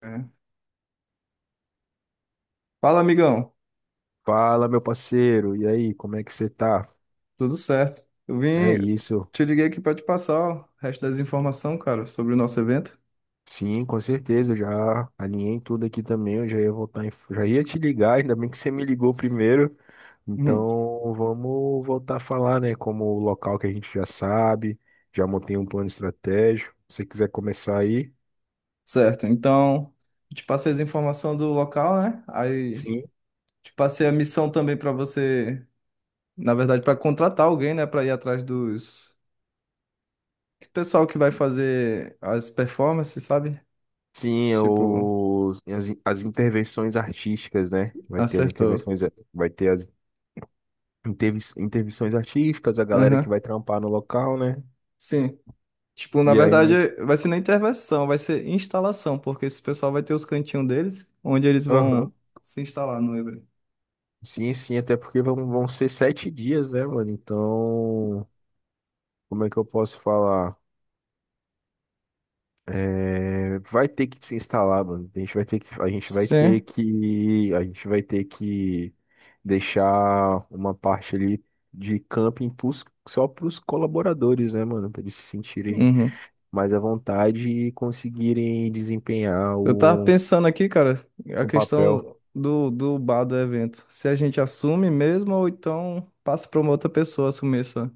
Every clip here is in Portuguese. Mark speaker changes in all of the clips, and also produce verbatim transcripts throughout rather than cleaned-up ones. Speaker 1: É. Fala, amigão.
Speaker 2: Fala, meu parceiro, e aí, como é que você tá?
Speaker 1: Tudo certo? Eu
Speaker 2: É
Speaker 1: vim,
Speaker 2: isso.
Speaker 1: te liguei aqui para te passar o resto das informações, cara, sobre o nosso evento.
Speaker 2: Sim, com certeza, já alinhei tudo aqui também, eu já ia voltar em... já ia te ligar, ainda bem que você me ligou primeiro.
Speaker 1: Uhum.
Speaker 2: Então, vamos voltar a falar, né, como o local que a gente já sabe, já montei um plano estratégico. Se você quiser começar aí.
Speaker 1: Certo, então, eu te passei as informações do local, né? Aí
Speaker 2: Sim.
Speaker 1: te passei a missão também para você, na verdade, para contratar alguém, né, para ir atrás dos que pessoal que vai fazer as performances, sabe?
Speaker 2: Sim,
Speaker 1: Tipo,
Speaker 2: os, as, as intervenções artísticas, né? Vai ter as
Speaker 1: acertou.
Speaker 2: intervenções, vai ter as intervi- intervenções artísticas, a galera que
Speaker 1: Aham.
Speaker 2: vai trampar no local, né?
Speaker 1: Sim. Tipo, na
Speaker 2: E aí, mais.
Speaker 1: verdade, vai ser nem intervenção, vai ser instalação, porque esse pessoal vai ter os cantinhos deles, onde eles
Speaker 2: Aham.
Speaker 1: vão se instalar no evento.
Speaker 2: Sim, sim, até porque vão, vão ser sete dias, né, mano? Então, como é que eu posso falar? É, vai ter que se instalar, mano. A gente vai ter que, a gente vai ter
Speaker 1: Sim.
Speaker 2: que, a gente vai ter que deixar uma parte ali de camping pros, só para os colaboradores, né, mano? Para eles se sentirem
Speaker 1: Uhum.
Speaker 2: mais à vontade e conseguirem desempenhar
Speaker 1: Eu tava
Speaker 2: o,
Speaker 1: pensando aqui, cara, a
Speaker 2: o papel.
Speaker 1: questão do, do bar do evento. Se a gente assume mesmo, ou então passa pra uma outra pessoa assumir essa.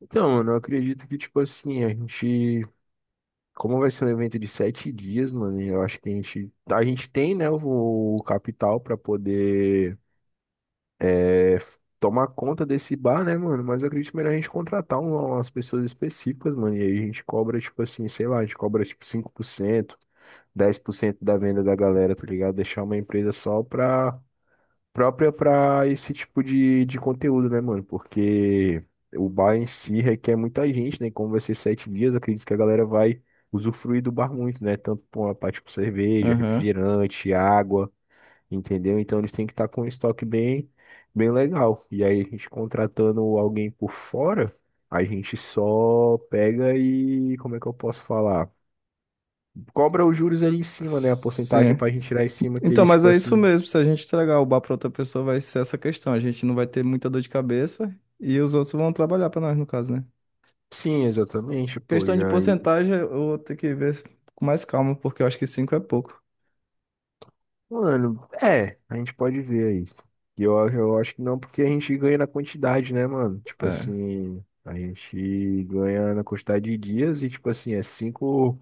Speaker 2: Então, mano, eu acredito que, tipo assim, a gente. Como vai ser um evento de sete dias, mano, eu acho que a gente, a gente tem, né, o, o capital pra poder é, tomar conta desse bar, né, mano? Mas eu acredito melhor a gente contratar um- umas pessoas específicas, mano. E aí a gente cobra, tipo assim, sei lá, a gente cobra tipo cinco por cento, dez por cento da venda da galera, tá ligado? Deixar uma empresa só pra própria para esse tipo de, de conteúdo, né, mano? Porque o bar em si requer muita gente, né? E como vai ser sete dias, eu acredito que a galera vai usufruir do bar muito, né? Tanto por uma parte com cerveja,
Speaker 1: Aham.
Speaker 2: refrigerante, água, entendeu? Então eles têm que estar com um estoque bem, bem legal. E aí a gente contratando alguém por fora, a gente só pega e, como é que eu posso falar? Cobra os juros ali em cima, né? A porcentagem
Speaker 1: Sim.
Speaker 2: pra gente tirar em cima que
Speaker 1: Então,
Speaker 2: eles,
Speaker 1: mas
Speaker 2: tipo
Speaker 1: é isso
Speaker 2: assim.
Speaker 1: mesmo. Se a gente entregar o bar para outra pessoa, vai ser essa questão. A gente não vai ter muita dor de cabeça e os outros vão trabalhar para nós, no caso, né?
Speaker 2: Sim, exatamente, pô.
Speaker 1: Questão
Speaker 2: E
Speaker 1: de
Speaker 2: aí.
Speaker 1: porcentagem, eu vou ter que ver com mais calma, porque eu acho que cinco é pouco.
Speaker 2: Mano, é, a gente pode ver isso. E eu, eu acho que não, porque a gente ganha na quantidade, né, mano? Tipo
Speaker 1: É.
Speaker 2: assim, a gente ganha na quantidade de dias e, tipo assim, é cinco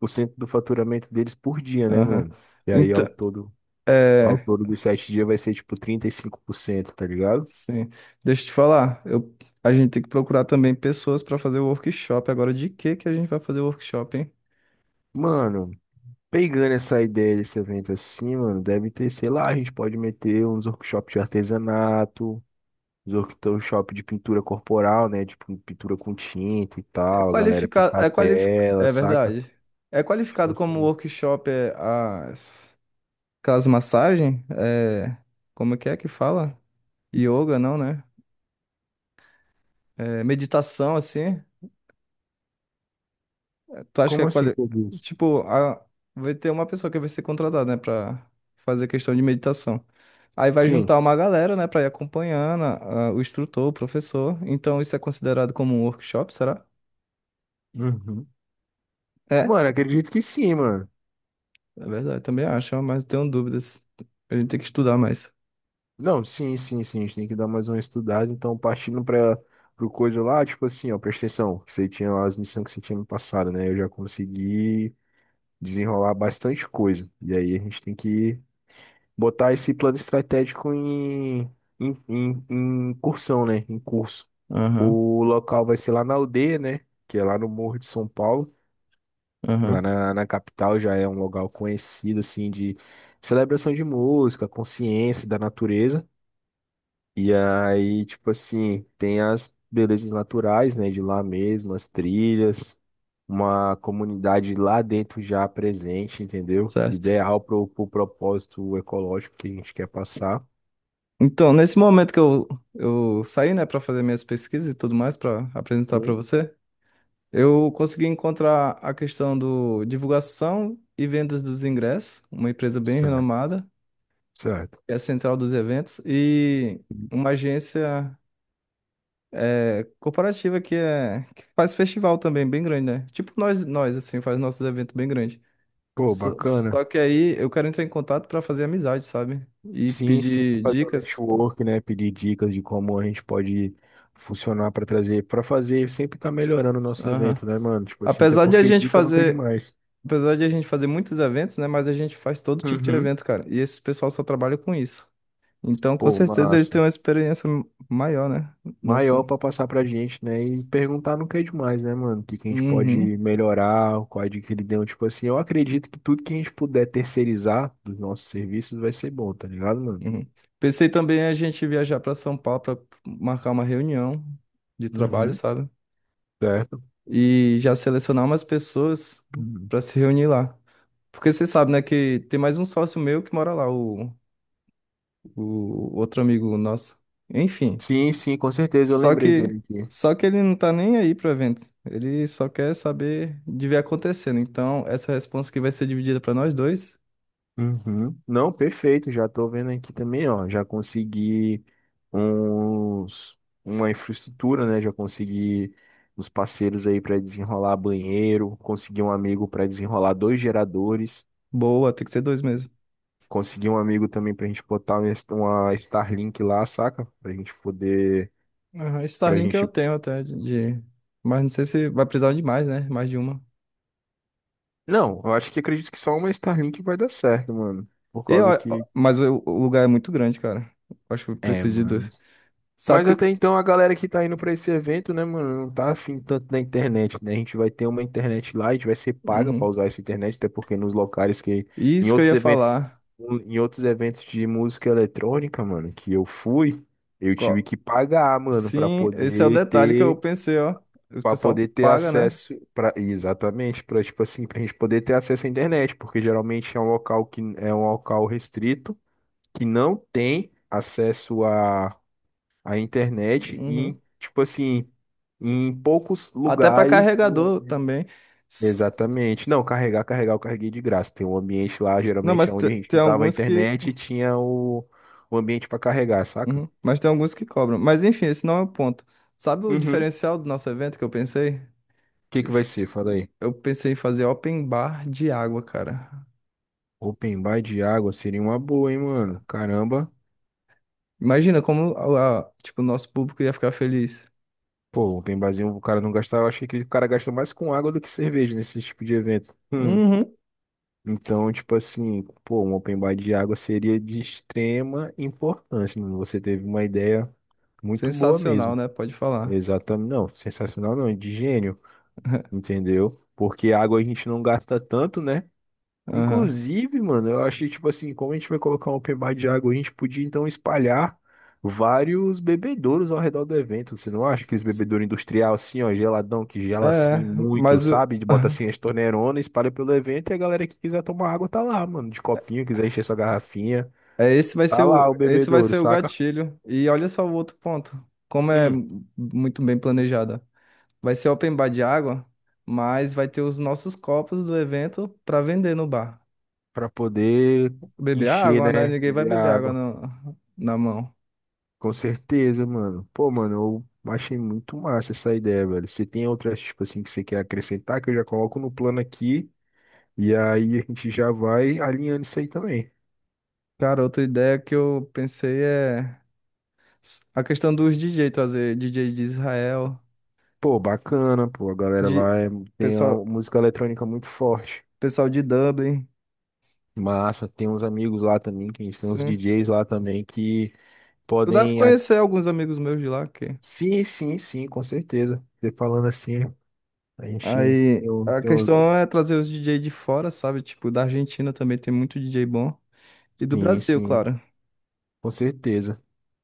Speaker 2: por cento do faturamento deles por dia, né,
Speaker 1: Aham.
Speaker 2: mano? E aí,
Speaker 1: Então,
Speaker 2: ao todo, ao
Speaker 1: é.
Speaker 2: todo dos sete dias vai ser, tipo, trinta e cinco por cento, tá ligado?
Speaker 1: Sim. Deixa eu te falar. Eu, a gente tem que procurar também pessoas para fazer o workshop. Agora, de que que a gente vai fazer o workshop, hein?
Speaker 2: Mano, pegando essa ideia desse evento assim, mano, deve ter, sei lá, a gente pode meter uns workshops de artesanato, os workshop de pintura corporal, né? Tipo, pintura com tinta e
Speaker 1: É
Speaker 2: tal, a galera
Speaker 1: qualificado.
Speaker 2: pintar a
Speaker 1: É qualificado.
Speaker 2: tela,
Speaker 1: É
Speaker 2: saca?
Speaker 1: verdade. É
Speaker 2: Tipo
Speaker 1: qualificado como
Speaker 2: assim.
Speaker 1: workshop é, as. Aquelas massagens, é, como que é que fala? Yoga, não, né? É, meditação, assim. Tu acha que é
Speaker 2: Como assim
Speaker 1: quali...
Speaker 2: tudo isso?
Speaker 1: Tipo, a- vai ter uma pessoa que vai ser contratada, né, pra fazer questão de meditação. Aí vai
Speaker 2: Sim.
Speaker 1: juntar uma galera, né, pra ir acompanhando a- a- o instrutor, o professor. Então isso é considerado como um workshop, será?
Speaker 2: Uhum.
Speaker 1: É,
Speaker 2: Mano, acredito que sim, mano.
Speaker 1: é verdade, também acho, mas tenho dúvidas. A gente tem que estudar mais.
Speaker 2: Não, sim, sim, sim. A gente tem que dar mais uma estudada. Então, partindo para pro coisa lá, tipo assim, ó, presta atenção. Você tinha lá as missões que você tinha me passado, né? Eu já consegui desenrolar bastante coisa. E aí a gente tem que botar esse plano estratégico em, em, em, em cursão, né? Em curso.
Speaker 1: Aham,
Speaker 2: O local vai ser lá na aldeia, né? Que é lá no Morro de São Paulo. Lá
Speaker 1: aham,
Speaker 2: na, na capital já é um local conhecido, assim, de celebração de música, consciência da natureza. E aí, tipo assim, tem as belezas naturais, né? De lá mesmo, as trilhas, uma comunidade lá dentro já presente, entendeu?
Speaker 1: certo.
Speaker 2: Ideal pro, pro propósito ecológico que a gente quer passar.
Speaker 1: Então, nesse momento que eu, eu saí, né, para fazer minhas pesquisas e tudo mais, para apresentar para
Speaker 2: Sim.
Speaker 1: você, eu consegui encontrar a questão do divulgação e vendas dos ingressos, uma empresa bem
Speaker 2: Certo,
Speaker 1: renomada,
Speaker 2: certo.
Speaker 1: que é a central dos eventos, e uma agência é, corporativa que, é, que faz festival também bem grande, né? Tipo nós, nós assim, faz nossos eventos bem grandes.
Speaker 2: Pô,
Speaker 1: Só,
Speaker 2: bacana.
Speaker 1: só que aí eu quero entrar em contato para fazer amizade, sabe? E
Speaker 2: Sim, sim,
Speaker 1: pedir
Speaker 2: fazer um
Speaker 1: dicas, pô.
Speaker 2: network, né? Pedir dicas de como a gente pode funcionar para trazer, para fazer, sempre tá melhorando o nosso
Speaker 1: Aham.
Speaker 2: evento, né, mano? Tipo assim, até
Speaker 1: Apesar de a
Speaker 2: porque
Speaker 1: gente
Speaker 2: dica nunca é
Speaker 1: fazer
Speaker 2: demais.
Speaker 1: Apesar de a gente fazer muitos eventos, né? Mas a gente faz todo tipo de
Speaker 2: Uhum.
Speaker 1: evento, cara. E esse pessoal só trabalha com isso. Então, com
Speaker 2: Pô,
Speaker 1: certeza, eles têm
Speaker 2: massa.
Speaker 1: uma experiência maior, né? No
Speaker 2: Maior
Speaker 1: assunto.
Speaker 2: para passar pra gente, né? E perguntar nunca é demais, né, mano? O que que a gente pode
Speaker 1: Uhum,
Speaker 2: melhorar, qual a dica que ele deu. Tipo assim, eu acredito que tudo que a gente puder terceirizar dos nossos serviços vai ser bom, tá ligado, mano?
Speaker 1: uhum. Pensei também a gente viajar para São Paulo para marcar uma reunião de trabalho,
Speaker 2: Uhum.
Speaker 1: sabe?
Speaker 2: Certo?
Speaker 1: E já selecionar umas pessoas
Speaker 2: Uhum.
Speaker 1: para se reunir lá. Porque você sabe, né, que tem mais um sócio meu que mora lá, o, o outro amigo nosso. Enfim.
Speaker 2: Sim, sim, com certeza eu
Speaker 1: Só
Speaker 2: lembrei
Speaker 1: que,
Speaker 2: dele aqui.
Speaker 1: só que ele não tá nem aí pro evento. Ele só quer saber de ver acontecendo. Então, essa resposta que vai ser dividida pra nós dois,
Speaker 2: Uhum. Não, perfeito. Já tô vendo aqui também, ó. Já consegui uns, uma infraestrutura, né? Já consegui uns parceiros aí para desenrolar banheiro. Consegui um amigo para desenrolar dois geradores.
Speaker 1: boa, tem que ser dois mesmo.
Speaker 2: Consegui um amigo também pra gente botar uma Sta- uma Starlink lá, saca? Pra gente poder.
Speaker 1: Aham,
Speaker 2: Pra
Speaker 1: Starlink eu
Speaker 2: gente.
Speaker 1: tenho até de, de- mas não sei se vai precisar de mais, né? Mais de uma.
Speaker 2: Não, eu acho que acredito que só uma Starlink vai dar certo, mano. Por
Speaker 1: E, ó,
Speaker 2: causa
Speaker 1: ó,
Speaker 2: que.
Speaker 1: mas o, o lugar é muito grande, cara. Acho que eu
Speaker 2: É,
Speaker 1: preciso de
Speaker 2: mano.
Speaker 1: dois. Sabe
Speaker 2: Mas
Speaker 1: que.
Speaker 2: até então a galera que tá indo pra esse evento, né, mano, não tá afim tanto da internet, né? A gente vai ter uma internet lá, a gente vai ser paga pra
Speaker 1: Uhum.
Speaker 2: usar essa internet, até porque nos locais que em
Speaker 1: Isso que eu
Speaker 2: outros
Speaker 1: ia
Speaker 2: eventos,
Speaker 1: falar.
Speaker 2: em outros eventos de música eletrônica, mano, que eu fui, eu tive
Speaker 1: Co-
Speaker 2: que pagar, mano, pra
Speaker 1: Sim, esse é o
Speaker 2: poder
Speaker 1: detalhe que eu
Speaker 2: ter
Speaker 1: pensei, ó. O
Speaker 2: para poder
Speaker 1: pessoal
Speaker 2: ter
Speaker 1: paga, né?
Speaker 2: acesso para exatamente, para tipo assim, pra gente poder ter acesso à internet, porque geralmente é um local que é um local restrito que não tem acesso a a internet
Speaker 1: Uhum.
Speaker 2: em, tipo assim, em poucos
Speaker 1: Até pra
Speaker 2: lugares.
Speaker 1: carregador também.
Speaker 2: Exatamente. Não, carregar, carregar, eu carreguei de graça. Tem um ambiente lá,
Speaker 1: Não,
Speaker 2: geralmente
Speaker 1: mas
Speaker 2: é onde
Speaker 1: te-
Speaker 2: a gente
Speaker 1: tem
Speaker 2: usava a
Speaker 1: alguns que.
Speaker 2: internet e tinha o, o ambiente para carregar, saca?
Speaker 1: Uhum. Mas tem alguns que cobram. Mas enfim, esse não é o ponto. Sabe o
Speaker 2: Uhum. O
Speaker 1: diferencial do nosso evento que eu pensei?
Speaker 2: que
Speaker 1: Eu
Speaker 2: que vai
Speaker 1: f-
Speaker 2: ser? Fala aí.
Speaker 1: eu pensei em fazer open bar de água, cara.
Speaker 2: Open bar de água seria uma boa, hein, mano? Caramba.
Speaker 1: Imagina como a, a- tipo, o nosso público ia ficar feliz.
Speaker 2: Pô, open barzinho, o cara não gastava. Eu achei que o cara gasta mais com água do que cerveja nesse tipo de evento. Hum.
Speaker 1: Uhum.
Speaker 2: Então, tipo assim, pô, um open bar de água seria de extrema importância, mano. Você teve uma ideia muito boa
Speaker 1: Sensacional,
Speaker 2: mesmo.
Speaker 1: né? Pode falar.
Speaker 2: Exatamente, não, sensacional não, de gênio, entendeu? Porque água a gente não gasta tanto, né?
Speaker 1: Aham.
Speaker 2: Inclusive, mano, eu achei, tipo assim, como a gente vai colocar um open bar de água, a gente podia então espalhar vários bebedouros ao redor do evento. Você não acha aqueles bebedouro industrial assim, ó, geladão, que gela assim
Speaker 1: É,
Speaker 2: muito,
Speaker 1: mas o...
Speaker 2: sabe? De bota assim as torneironas, espalha pelo evento e a galera que quiser tomar água tá lá, mano, de copinho, quiser encher sua garrafinha,
Speaker 1: é, esse vai ser
Speaker 2: tá lá
Speaker 1: o...
Speaker 2: o
Speaker 1: esse vai
Speaker 2: bebedouro,
Speaker 1: ser o
Speaker 2: saca?
Speaker 1: gatilho. E olha só o outro ponto. Como é
Speaker 2: Hum,
Speaker 1: muito bem planejada. Vai ser open bar de água, mas vai ter os nossos copos do evento pra vender no bar.
Speaker 2: pra poder
Speaker 1: Beber
Speaker 2: encher,
Speaker 1: água, né?
Speaker 2: né?
Speaker 1: Ninguém vai
Speaker 2: Beber
Speaker 1: beber água
Speaker 2: água.
Speaker 1: no- na mão.
Speaker 2: Com certeza, mano. Pô, mano, eu achei muito massa essa ideia, velho. Você tem outras, tipo assim, que você quer acrescentar, que eu já coloco no plano aqui, e aí a gente já vai alinhando isso aí também.
Speaker 1: Cara, outra ideia que eu pensei é s- a questão dos D J, trazer D J de Israel,
Speaker 2: Pô, bacana, pô, a galera
Speaker 1: de
Speaker 2: lá é- tem a
Speaker 1: pessoal,
Speaker 2: música eletrônica muito forte.
Speaker 1: pessoal de Dublin.
Speaker 2: Massa, tem uns amigos lá também, que a gente tem uns
Speaker 1: Sim.
Speaker 2: D Js lá também que
Speaker 1: Tu deve
Speaker 2: podem. A-
Speaker 1: conhecer alguns amigos meus de lá, que
Speaker 2: Sim, sim, sim, com certeza. Você falando assim, a gente.
Speaker 1: Aí
Speaker 2: Eu,
Speaker 1: a
Speaker 2: eu...
Speaker 1: questão é trazer os D J de fora, sabe? Tipo, da Argentina também tem muito D J bom. E do
Speaker 2: Sim,
Speaker 1: Brasil,
Speaker 2: sim,
Speaker 1: claro.
Speaker 2: com certeza.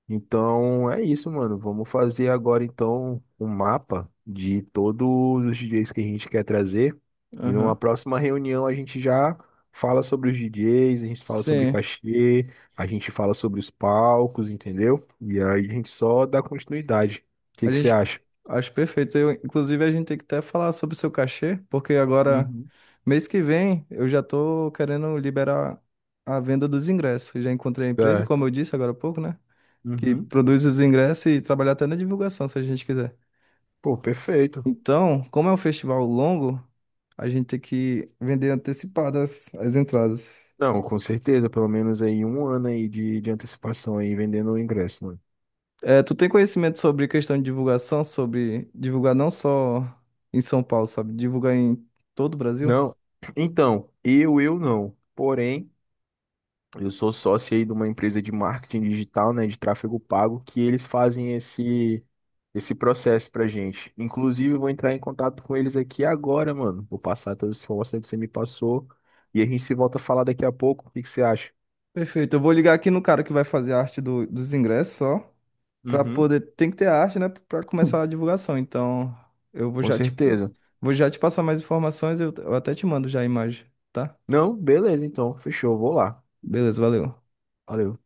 Speaker 2: Então é isso, mano. Vamos fazer agora então um mapa de todos os D Js que a gente quer trazer. E numa
Speaker 1: Aham.
Speaker 2: próxima reunião a gente já fala sobre os D Js, a gente fala sobre
Speaker 1: Sim.
Speaker 2: cachê, a gente fala sobre os palcos, entendeu? E aí a gente só dá continuidade. O que
Speaker 1: A
Speaker 2: que você
Speaker 1: gente
Speaker 2: acha?
Speaker 1: Acho perfeito. Eu, inclusive, a gente tem que até falar sobre o seu cachê, porque agora,
Speaker 2: Uhum.
Speaker 1: mês que vem, eu já tô querendo liberar a venda dos ingressos. Eu já encontrei a empresa,
Speaker 2: Certo.
Speaker 1: como eu disse agora há pouco, né? Que
Speaker 2: Uhum.
Speaker 1: produz os ingressos e trabalhar até na divulgação, se a gente quiser.
Speaker 2: Pô, perfeito.
Speaker 1: Então, como é um festival longo, a gente tem que vender antecipadas as as entradas.
Speaker 2: Não, com certeza, pelo menos aí um ano aí de, de antecipação aí vendendo o ingresso, mano.
Speaker 1: É, tu tem conhecimento sobre questão de divulgação, sobre divulgar não só em São Paulo, sabe? Divulgar em todo o Brasil?
Speaker 2: Não, então, eu, eu não. Porém, eu sou sócio aí de uma empresa de marketing digital, né, de tráfego pago, que eles fazem esse esse processo pra gente. Inclusive, eu vou entrar em contato com eles aqui agora, mano. Vou passar todas as informações que você me passou e a gente se volta a falar daqui a pouco. O que que você acha?
Speaker 1: Perfeito. Eu vou ligar aqui no cara que vai fazer a arte do- dos ingressos só, para
Speaker 2: Uhum.
Speaker 1: poder, tem que ter a arte, né, para começar a divulgação. Então, eu vou
Speaker 2: Com
Speaker 1: já te
Speaker 2: certeza.
Speaker 1: vou já te passar mais informações, eu, eu até te mando já a imagem, tá?
Speaker 2: Não, beleza, então. Fechou, vou lá.
Speaker 1: Beleza, valeu.
Speaker 2: Valeu.